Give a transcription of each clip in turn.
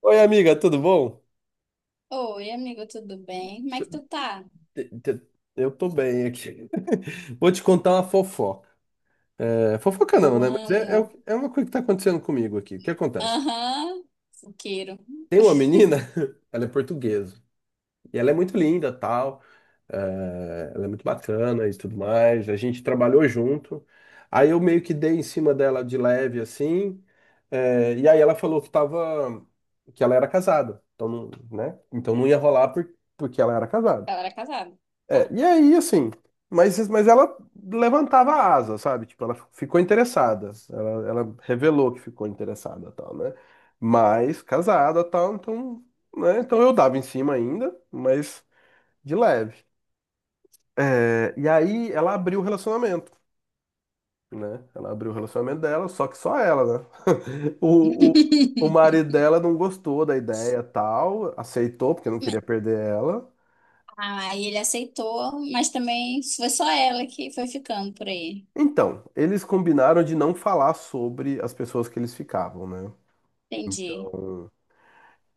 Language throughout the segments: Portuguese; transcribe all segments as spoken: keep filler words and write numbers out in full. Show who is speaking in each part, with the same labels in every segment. Speaker 1: Oi, amiga, tudo bom?
Speaker 2: Oi, amigo, tudo bem? Como é
Speaker 1: Deixa
Speaker 2: que tu tá?
Speaker 1: Eu te- te- eu tô bem aqui. Vou te contar uma fofoca. É, fofoca não,
Speaker 2: Eu
Speaker 1: né? Mas é, é,
Speaker 2: amo.
Speaker 1: o- é uma coisa que tá acontecendo comigo aqui. O que acontece?
Speaker 2: Aham, fuqueiro.
Speaker 1: Tem uma menina, ela é portuguesa. E ela é muito linda, tal. é, ela é muito bacana e tudo mais. A gente trabalhou junto. Aí eu meio que dei em cima dela de leve, assim. é, e aí ela falou que tava... Que ela era casada. Então, não- né? Então não ia rolar por, porque ela era casada.
Speaker 2: Ela era casada.
Speaker 1: É,
Speaker 2: Tá.
Speaker 1: e aí, assim, mas, mas ela levantava a asa, sabe? Tipo, ela ficou interessada. Ela, ela revelou que ficou interessada, tal, né? Mas casada, tal, então, né? Então eu dava em cima ainda, mas de leve. É, e aí ela abriu o relacionamento, né? Ela abriu o relacionamento dela, só que só ela, né? O, o, o marido dela não gostou da ideia, tal, aceitou porque não
Speaker 2: Mas-
Speaker 1: queria perder ela.
Speaker 2: Ah, aí ele aceitou, mas também foi só ela que foi ficando por aí.
Speaker 1: Então, eles combinaram de não falar sobre as pessoas que eles ficavam, né?
Speaker 2: Entendi.
Speaker 1: Então,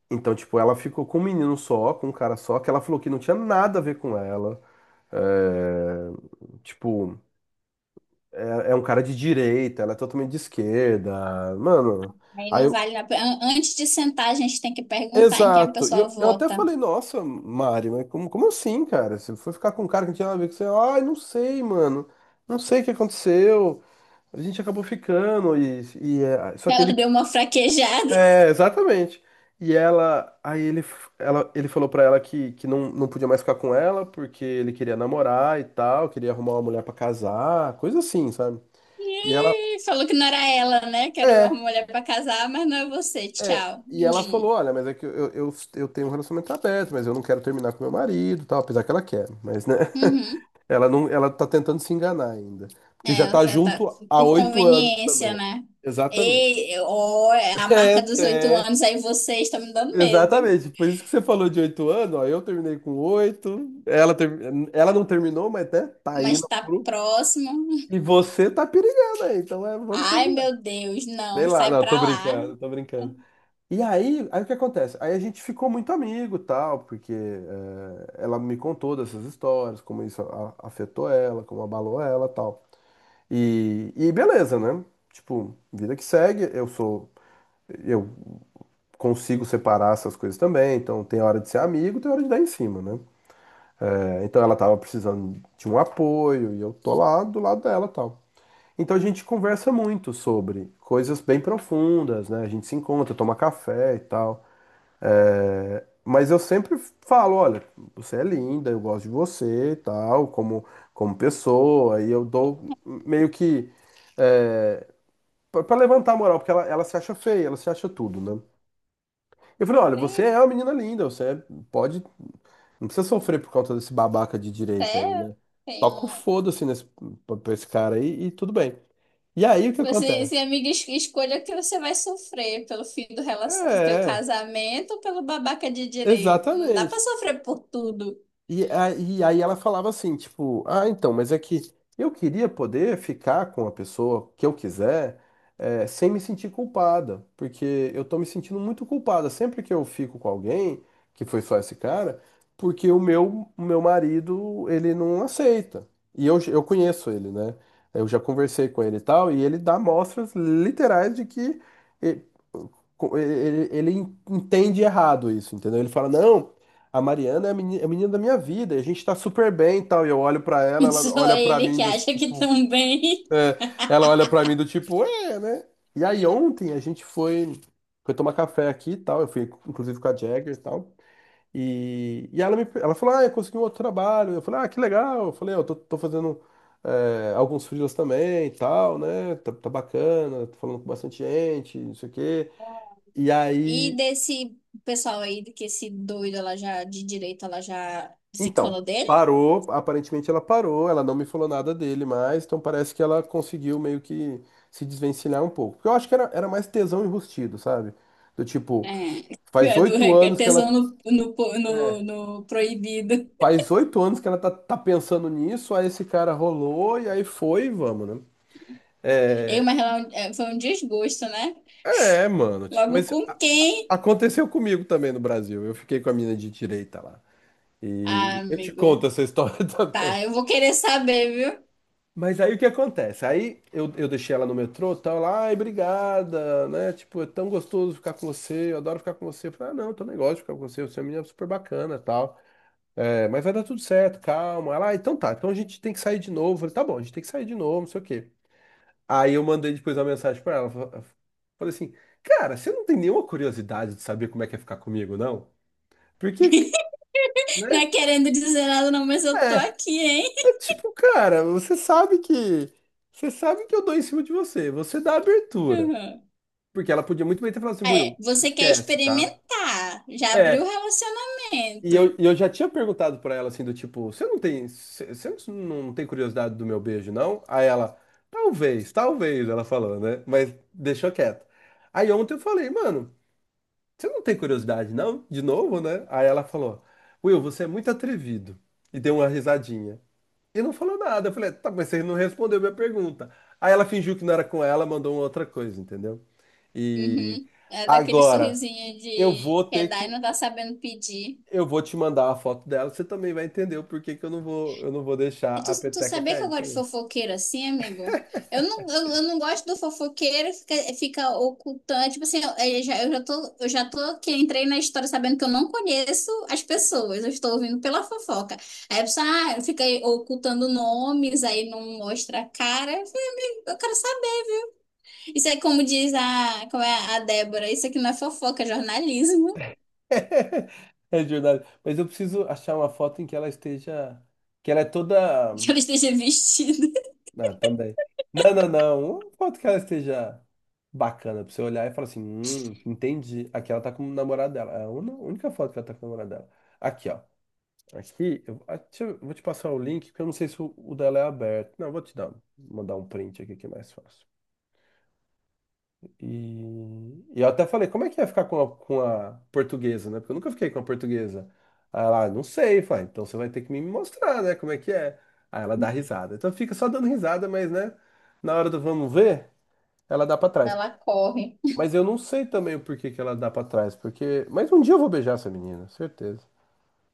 Speaker 1: então, tipo, ela ficou com um menino só, com um cara só, que ela falou que não tinha nada a ver com ela. É, tipo, é, é um cara de direita, ela é totalmente de esquerda. Mano,
Speaker 2: Aí
Speaker 1: aí
Speaker 2: não
Speaker 1: eu.
Speaker 2: vale a pena. An- Antes de sentar, a gente tem que perguntar em quem a
Speaker 1: Exato. E
Speaker 2: pessoa
Speaker 1: eu, eu até
Speaker 2: vota.
Speaker 1: falei, nossa, Mari, mas como, como assim, cara? Você foi ficar com um cara que não tinha nada a ver com você? Ai, não sei, mano. Não sei o que aconteceu. A gente acabou ficando e, e é, só que
Speaker 2: Ela
Speaker 1: ele
Speaker 2: deu uma fraquejada.
Speaker 1: É, exatamente. E ela, aí ele, f- ela, ele falou pra ela que, que não, não podia mais ficar com ela porque ele queria namorar e tal, queria arrumar uma mulher pra casar, coisa assim, sabe? E ela,
Speaker 2: Ih, falou que não era ela, né? Que era uma
Speaker 1: é,
Speaker 2: mulher pra casar, mas não é você.
Speaker 1: é.
Speaker 2: Tchau.
Speaker 1: E ela falou, olha, mas é que eu, eu, eu tenho um relacionamento aberto, mas eu não quero terminar com meu marido, e tal, apesar que ela quer, mas né,
Speaker 2: Hum. Uhum.
Speaker 1: ela não, ela tá tentando se enganar ainda, porque já
Speaker 2: É,
Speaker 1: tá
Speaker 2: você tá
Speaker 1: junto há
Speaker 2: por
Speaker 1: oito anos
Speaker 2: conveniência,
Speaker 1: também.
Speaker 2: né?
Speaker 1: Exatamente.
Speaker 2: E, ó, é a marca dos oito
Speaker 1: É,
Speaker 2: anos, aí vocês estão me dando medo.
Speaker 1: Exatamente, por isso que você falou de oito anos, ó, eu terminei com oito, ela, termi- ela não terminou, mas até tá
Speaker 2: Mas
Speaker 1: indo
Speaker 2: tá
Speaker 1: pro...
Speaker 2: próximo.
Speaker 1: E você tá perigando aí, então é, vamos
Speaker 2: Ai,
Speaker 1: combinar.
Speaker 2: meu Deus,
Speaker 1: Sei
Speaker 2: não,
Speaker 1: lá,
Speaker 2: sai
Speaker 1: não, tô
Speaker 2: pra lá.
Speaker 1: brincando, tô brincando. E aí, aí o que acontece? Aí a gente ficou muito amigo, tal, porque é, ela me contou dessas histórias, como isso a- afetou ela, como abalou ela, tal. E, e beleza, né? Tipo, vida que segue, eu sou... eu consigo separar essas coisas também. Então, tem hora de ser amigo, tem hora de dar em cima, né? É, então, ela tava precisando de um apoio e eu tô lá do lado dela, tal. Então, a gente conversa muito sobre coisas bem profundas, né? A gente se encontra, toma café e tal. É, mas eu sempre falo, olha, você é linda, eu gosto de você, e tal, como como pessoa, e eu dou meio que é, Pra pra levantar a moral, porque ela, ela se acha feia, ela se acha tudo, né? Eu falei, olha, você
Speaker 2: E
Speaker 1: é uma menina linda, você é- pode não precisa sofrer por conta desse babaca de direita aí,
Speaker 2: até
Speaker 1: né?
Speaker 2: tem
Speaker 1: Toca o
Speaker 2: um.
Speaker 1: foda-se nesse, pra pra esse cara aí e tudo bem. E aí o que
Speaker 2: Você,
Speaker 1: acontece?
Speaker 2: se amiga, es- escolha o que você vai sofrer pelo fim do, rela-
Speaker 1: É,
Speaker 2: do teu
Speaker 1: é,
Speaker 2: casamento ou pelo babaca de direito. Não dá
Speaker 1: exatamente.
Speaker 2: pra sofrer por tudo.
Speaker 1: E, a- e aí ela falava assim, tipo, ah, então, mas é que eu queria poder ficar com a pessoa que eu quiser, eh, sem me sentir culpada, porque eu tô me sentindo muito culpada sempre que eu fico com alguém, que foi só esse cara, porque o meu, o meu marido, ele não aceita. E eu, eu conheço ele, né? Eu já conversei com ele e tal, e ele dá mostras literais de que eh, co- ele, ele entende errado isso, entendeu? Ele fala, não, a Mariana é a meni- é a menina, da minha vida, a gente tá super bem e tal. E eu olho pra ela, ela
Speaker 2: Só
Speaker 1: olha pra
Speaker 2: ele
Speaker 1: mim
Speaker 2: que
Speaker 1: do
Speaker 2: acha que
Speaker 1: tipo,
Speaker 2: também.
Speaker 1: é, ela olha pra mim do tipo, é, né? E aí ontem a gente foi, foi tomar café aqui e tal, eu fui inclusive com a Jagger e tal. E, e ela me, ela falou, ah, eu consegui um outro trabalho. Eu falei, ah, que legal. Eu falei, "Ah, eu tô, tô fazendo é, alguns freelas também e tal, né? Tá, tá bacana, tô falando com bastante gente, não sei o quê. E
Speaker 2: E
Speaker 1: aí
Speaker 2: desse pessoal aí, que esse doido, ela já, de direita, ela já
Speaker 1: Então,
Speaker 2: desencanou dele?
Speaker 1: parou, aparentemente ela parou, ela não me falou nada dele mais, então parece que ela conseguiu meio que se desvencilhar um pouco. Porque eu acho que era, era mais tesão enrustido, sabe? Do
Speaker 2: É.
Speaker 1: tipo, faz
Speaker 2: É do
Speaker 1: oito
Speaker 2: é que é
Speaker 1: anos que ela.
Speaker 2: tesão no, no, po-
Speaker 1: É,
Speaker 2: no, no proibido.
Speaker 1: faz oito anos que ela tá, tá pensando nisso, aí esse cara rolou e aí foi, e vamos, né?
Speaker 2: Eu,
Speaker 1: É,
Speaker 2: mas ela, é, um, é, foi um desgosto, né?
Speaker 1: é, mano, tipo,
Speaker 2: Logo
Speaker 1: mas
Speaker 2: com quem?
Speaker 1: aconteceu comigo também no Brasil. Eu fiquei com a mina de direita lá.
Speaker 2: Ah,
Speaker 1: E eu te conto
Speaker 2: amigo.
Speaker 1: essa história.
Speaker 2: Tá, eu vou querer saber, viu?
Speaker 1: Mas aí o que acontece? Aí eu, eu deixei ela no metrô, tal, lá, ai, obrigada, né? Tipo, é tão gostoso ficar com você, eu adoro ficar com você. Eu falei, ah, não, tô nem gosto de ficar com você, você é uma menina super bacana, tal. É, mas vai dar tudo certo, calma. Ela, ah, então tá, então a gente tem que sair de novo. Eu falei, tá bom, a gente tem que sair de novo, não sei o quê. Aí eu mandei depois uma mensagem pra ela, fa- falei assim, cara, você não tem nenhuma curiosidade de saber como é que é ficar comigo, não? Porque,
Speaker 2: Não
Speaker 1: né?
Speaker 2: é querendo dizer nada, não, mas eu tô
Speaker 1: É,
Speaker 2: aqui, hein?
Speaker 1: é tipo, cara, você sabe que, você sabe que eu dou em cima de você, você dá abertura.
Speaker 2: Uhum.
Speaker 1: Porque ela podia muito bem ter falado assim,
Speaker 2: Ah, é,
Speaker 1: Buiu,
Speaker 2: você quer
Speaker 1: esquece, tá?
Speaker 2: experimentar. Já abriu o
Speaker 1: É, e
Speaker 2: relacionamento.
Speaker 1: eu, e eu já tinha perguntado pra ela assim, do tipo, você não tem, você você não tem curiosidade do meu beijo, não? Aí ela, talvez, talvez, ela falou, né? Mas deixou quieto. Aí ontem eu falei, mano, você não tem curiosidade, não? De novo, né? Aí ela falou, Will, você é muito atrevido. E deu uma risadinha. E não falou nada. Eu falei, tá, mas você não respondeu minha pergunta. Aí ela fingiu que não era com ela, mandou uma outra coisa, entendeu? E
Speaker 2: Uhum. É daquele
Speaker 1: agora.
Speaker 2: sorrisinho
Speaker 1: Eu vou
Speaker 2: de quer
Speaker 1: ter
Speaker 2: dar e
Speaker 1: que,
Speaker 2: não tá sabendo pedir.
Speaker 1: eu vou te mandar a foto dela, você também vai entender o porquê que eu não vou, eu não vou deixar
Speaker 2: E tu,
Speaker 1: a
Speaker 2: tu
Speaker 1: peteca
Speaker 2: sabia que eu
Speaker 1: cair
Speaker 2: gosto de
Speaker 1: também.
Speaker 2: fofoqueiro assim, amigo? Eu não, eu, eu não gosto do fofoqueiro que fica, fica ocultando. Tipo assim, eu, eu já, eu já tô, eu já tô que entrei na história sabendo que eu não conheço as pessoas, eu estou ouvindo pela fofoca. Aí a pessoa ah, fica aí ocultando nomes, aí não mostra a cara. Eu falei, amigo, eu quero saber. Isso é como diz a, como é a Débora, isso aqui não é fofoca, é jornalismo.
Speaker 1: É verdade. Mas eu preciso achar uma foto em que ela esteja, que ela é toda,
Speaker 2: Que ela esteja vestida.
Speaker 1: ah, também. Não, não, não. Uma foto que ela esteja bacana pra você olhar e falar assim, hum, entendi. Aqui ela tá com o namorado dela. É a una- única foto que ela tá com o namorado dela. Aqui, ó. Aqui, eu, ah, deixa eu- vou te passar o link, porque eu não sei se o, o dela é aberto. Não, eu vou te dar, mandar um print aqui que é mais fácil. E, e eu até falei, como é que ia ficar com a, com a portuguesa, né? Porque eu nunca fiquei com a portuguesa. Aí ela, "Ah, não sei", falei, "Ah, então você vai ter que me mostrar, né? Como é que é." Aí ela dá risada. Então fica só dando risada, mas, né? Na hora do vamos ver, ela dá pra trás.
Speaker 2: Ela corre.
Speaker 1: Mas eu não sei também o porquê que ela dá pra trás, porque... Mas um dia eu vou beijar essa menina, certeza.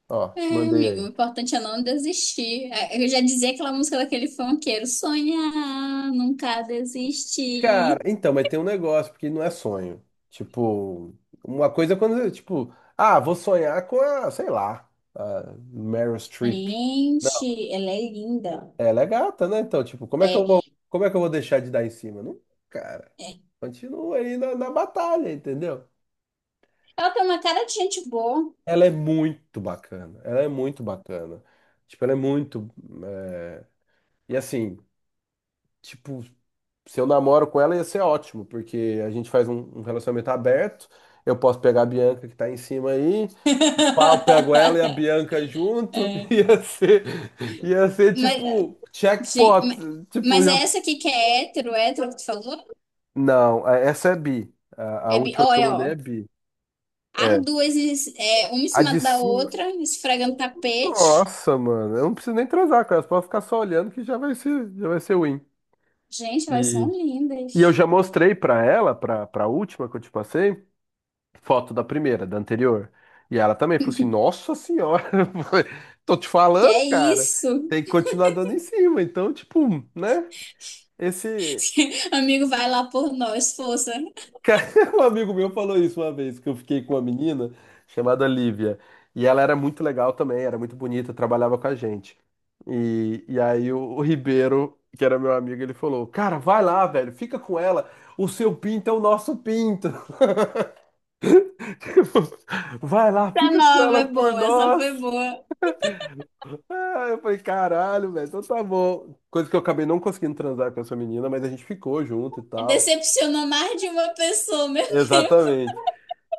Speaker 1: Ó, te
Speaker 2: É,
Speaker 1: mandei
Speaker 2: amigo, o
Speaker 1: aí.
Speaker 2: importante é não desistir. É, eu já dizia aquela música daquele funkeiro, sonhar, nunca
Speaker 1: Cara,
Speaker 2: desistir.
Speaker 1: então, mas tem um negócio, porque não é sonho. Tipo, uma coisa é quando, tipo, ah, vou sonhar com a, sei lá, a Meryl Streep. Não,
Speaker 2: Gente, ela é linda.
Speaker 1: ela é gata, né? Então, tipo, como é que eu
Speaker 2: É,
Speaker 1: vou, como é que eu vou deixar de dar em cima? Não, cara,
Speaker 2: é.
Speaker 1: continua aí na, na batalha, entendeu?
Speaker 2: Ela tem uma cara de gente boa.
Speaker 1: Ela é muito bacana, ela é muito bacana. Tipo, ela é muito, é, e assim, tipo, se eu namoro com ela, ia ser ótimo, porque a gente faz um, um relacionamento aberto. Eu posso pegar a Bianca que tá em cima aí, pá, eu pego ela e a Bianca junto. Ia ser, ia ser
Speaker 2: Mas,
Speaker 1: tipo
Speaker 2: gente,
Speaker 1: checkpot.
Speaker 2: ma-
Speaker 1: Tipo,
Speaker 2: mas é
Speaker 1: já...
Speaker 2: essa aqui que é hétero, hétero que tu falou?
Speaker 1: Não, a- essa é bi. A, a
Speaker 2: É, bi-
Speaker 1: última
Speaker 2: ó,
Speaker 1: que eu
Speaker 2: é,
Speaker 1: mandei é
Speaker 2: ó.
Speaker 1: bi.
Speaker 2: As
Speaker 1: É.
Speaker 2: duas, es- é, uma em
Speaker 1: A
Speaker 2: cima
Speaker 1: de
Speaker 2: da
Speaker 1: cima,
Speaker 2: outra, esfregando tapete.
Speaker 1: nossa, mano, eu não preciso nem transar com ela, pode ficar só olhando que já vai ser, já vai ser win.
Speaker 2: Gente, elas
Speaker 1: E,
Speaker 2: são
Speaker 1: e eu
Speaker 2: lindas.
Speaker 1: já mostrei pra ela, pra, pra última que eu te passei. Foto da primeira, da anterior. E ela também falou assim: Nossa senhora. Tô te
Speaker 2: Que
Speaker 1: falando,
Speaker 2: é
Speaker 1: cara,
Speaker 2: isso?
Speaker 1: tem que continuar dando em cima. Então, tipo, né? Esse.
Speaker 2: Amigo, vai lá por nós, força.
Speaker 1: Cara, um amigo meu falou isso uma vez, que eu fiquei com uma menina chamada Lívia. E ela era muito legal também, era muito bonita, trabalhava com a gente. E, e aí o, o Ribeiro, que era meu amigo, ele falou: "Cara, vai lá, velho, fica com ela. O seu pinto é o nosso pinto." Vai lá,
Speaker 2: Tá
Speaker 1: fica com
Speaker 2: nova,
Speaker 1: ela
Speaker 2: é
Speaker 1: por
Speaker 2: boa, essa foi
Speaker 1: nós.
Speaker 2: boa.
Speaker 1: Ah, eu falei: "Caralho, velho, então tá bom." Coisa que eu acabei não conseguindo transar com essa menina, mas a gente ficou junto e tal.
Speaker 2: Decepcionou mais de uma pessoa, meu Deus.
Speaker 1: Exatamente.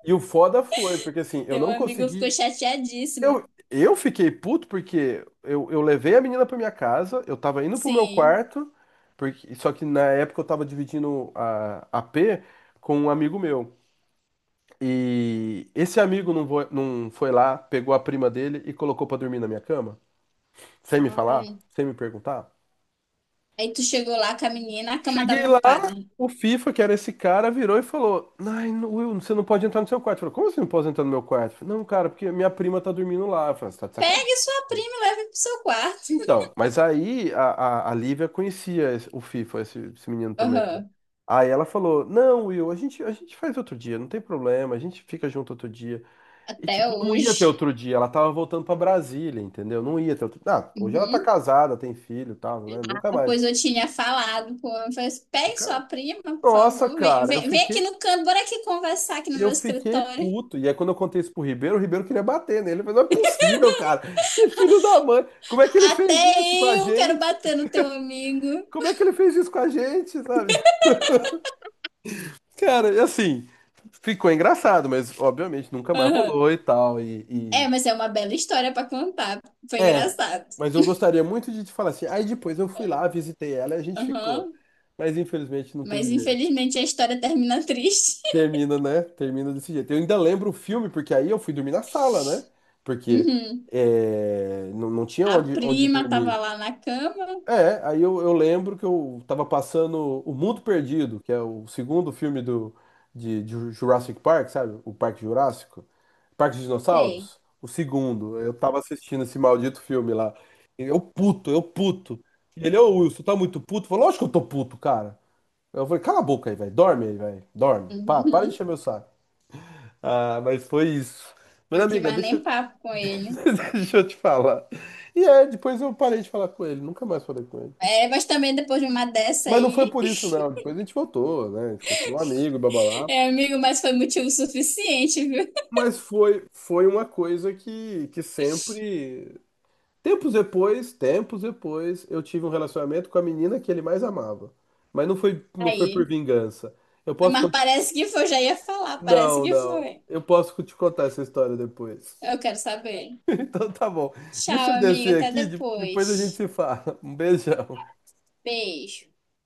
Speaker 1: E o foda foi, porque assim, eu
Speaker 2: Teu
Speaker 1: não
Speaker 2: amigo ficou
Speaker 1: consegui.
Speaker 2: chateadíssimo.
Speaker 1: Eu, eu fiquei puto porque eu, eu levei a menina pra minha casa, eu tava indo pro meu
Speaker 2: Sim.
Speaker 1: quarto, porque, só que na época eu tava dividindo a a AP com um amigo meu. E esse amigo não foi, não foi lá, pegou a prima dele e colocou pra dormir na minha cama, sem me falar,
Speaker 2: Ai.
Speaker 1: sem me perguntar.
Speaker 2: Aí tu chegou lá com a menina, a cama
Speaker 1: Cheguei
Speaker 2: tava
Speaker 1: lá,
Speaker 2: ocupada.
Speaker 1: o FIFA, que era esse cara, virou e falou: "Ai, no- Will, você não pode entrar no seu quarto." Eu falei: "Como você não pode entrar no meu quarto?" Eu falei: "Não, cara, porque minha prima tá dormindo lá." Eu falei: "Você tá de sacanagem."
Speaker 2: Pegue sua prima e leve pro seu quarto.
Speaker 1: Então, mas aí a, a, a Lívia conhecia esse- o FIFA, esse, esse menino também, né?
Speaker 2: Aham.
Speaker 1: Aí ela falou: "Não, Will, a gente, a gente faz outro dia, não tem problema, a gente fica junto outro dia." E,
Speaker 2: Até
Speaker 1: tipo, não ia ter
Speaker 2: hoje.
Speaker 1: outro dia, ela tava voltando pra Brasília, entendeu? Não ia ter outro Ah, hoje ela tá
Speaker 2: Uhum.
Speaker 1: casada, tem filho e tal, né? Nunca
Speaker 2: Ah,
Speaker 1: mais.
Speaker 2: pois eu tinha falado com ele, eu falei, assim, pegue
Speaker 1: Nunca-
Speaker 2: sua prima, por
Speaker 1: Nossa,
Speaker 2: favor, vem,
Speaker 1: cara, eu
Speaker 2: vem, vem aqui
Speaker 1: fiquei
Speaker 2: no canto, bora aqui conversar aqui no meu
Speaker 1: Eu fiquei
Speaker 2: escritório.
Speaker 1: puto. E aí, quando eu contei isso pro Ribeiro, o Ribeiro queria bater nele. Ele falou: "Não é possível, cara. Que filho da mãe. Como é que ele fez isso com a
Speaker 2: Até eu quero
Speaker 1: gente?
Speaker 2: bater no teu amigo.
Speaker 1: Como é que ele fez isso com a gente, sabe?" Cara, e assim, ficou engraçado, mas obviamente nunca mais
Speaker 2: Aham.
Speaker 1: rolou e tal. E,
Speaker 2: É,
Speaker 1: e-
Speaker 2: mas é uma bela história pra contar. Foi
Speaker 1: É,
Speaker 2: engraçado.
Speaker 1: mas eu gostaria muito de te falar assim. Aí depois eu fui
Speaker 2: É.
Speaker 1: lá, visitei ela e a gente ficou.
Speaker 2: Aham.
Speaker 1: Mas infelizmente não
Speaker 2: Mas
Speaker 1: teve jeito.
Speaker 2: infelizmente a história termina triste.
Speaker 1: Termina, né? Termina desse jeito. Eu ainda lembro o filme, porque aí eu fui dormir na sala, né? Porque
Speaker 2: Uhum.
Speaker 1: é, não, não tinha
Speaker 2: A
Speaker 1: onde, onde
Speaker 2: prima tava
Speaker 1: dormir.
Speaker 2: lá na cama.
Speaker 1: É, aí eu, eu lembro que eu tava passando O Mundo Perdido, que é o segundo filme do, de, de Jurassic Park, sabe? O Parque Jurássico. Parque dos
Speaker 2: Sei.
Speaker 1: Dinossauros. O segundo. Eu tava assistindo esse maldito filme lá. Eu puto, eu puto. E ele: "Ô Wilson, tá muito puto?" Falou: "Lógico que eu tô puto, cara." Eu falei: "Cala a boca aí, velho. Dorme aí, velho. Dorme. Pá, para de
Speaker 2: Uhum.
Speaker 1: encher meu saco." Ah, mas foi isso. Mas,
Speaker 2: Não quis
Speaker 1: amiga,
Speaker 2: mais
Speaker 1: deixa,
Speaker 2: nem
Speaker 1: eu-
Speaker 2: papo com ele.
Speaker 1: deixa eu te falar. E é, depois eu parei de falar com ele, nunca mais falei com ele.
Speaker 2: É, mas também depois de uma dessa
Speaker 1: Mas não foi
Speaker 2: aí,
Speaker 1: por isso, não. Depois a gente voltou, né? A gente continuou amigo, blá blá blá.
Speaker 2: é, amigo, mas foi motivo suficiente, viu?
Speaker 1: Mas foi, foi uma coisa que, que sempre. Tempos depois, tempos depois, eu tive um relacionamento com a menina que ele mais amava. Mas não foi, não foi por
Speaker 2: Aí.
Speaker 1: vingança. Eu posso.
Speaker 2: Mas
Speaker 1: con-
Speaker 2: parece que foi, já ia falar, parece
Speaker 1: Não,
Speaker 2: que
Speaker 1: não.
Speaker 2: foi.
Speaker 1: Eu posso te contar essa história depois.
Speaker 2: Eu quero saber.
Speaker 1: Então tá bom. Deixa eu
Speaker 2: Tchau, amiga,
Speaker 1: descer
Speaker 2: até
Speaker 1: aqui, de- depois a gente
Speaker 2: depois.
Speaker 1: se fala. Um beijão.
Speaker 2: Beijo.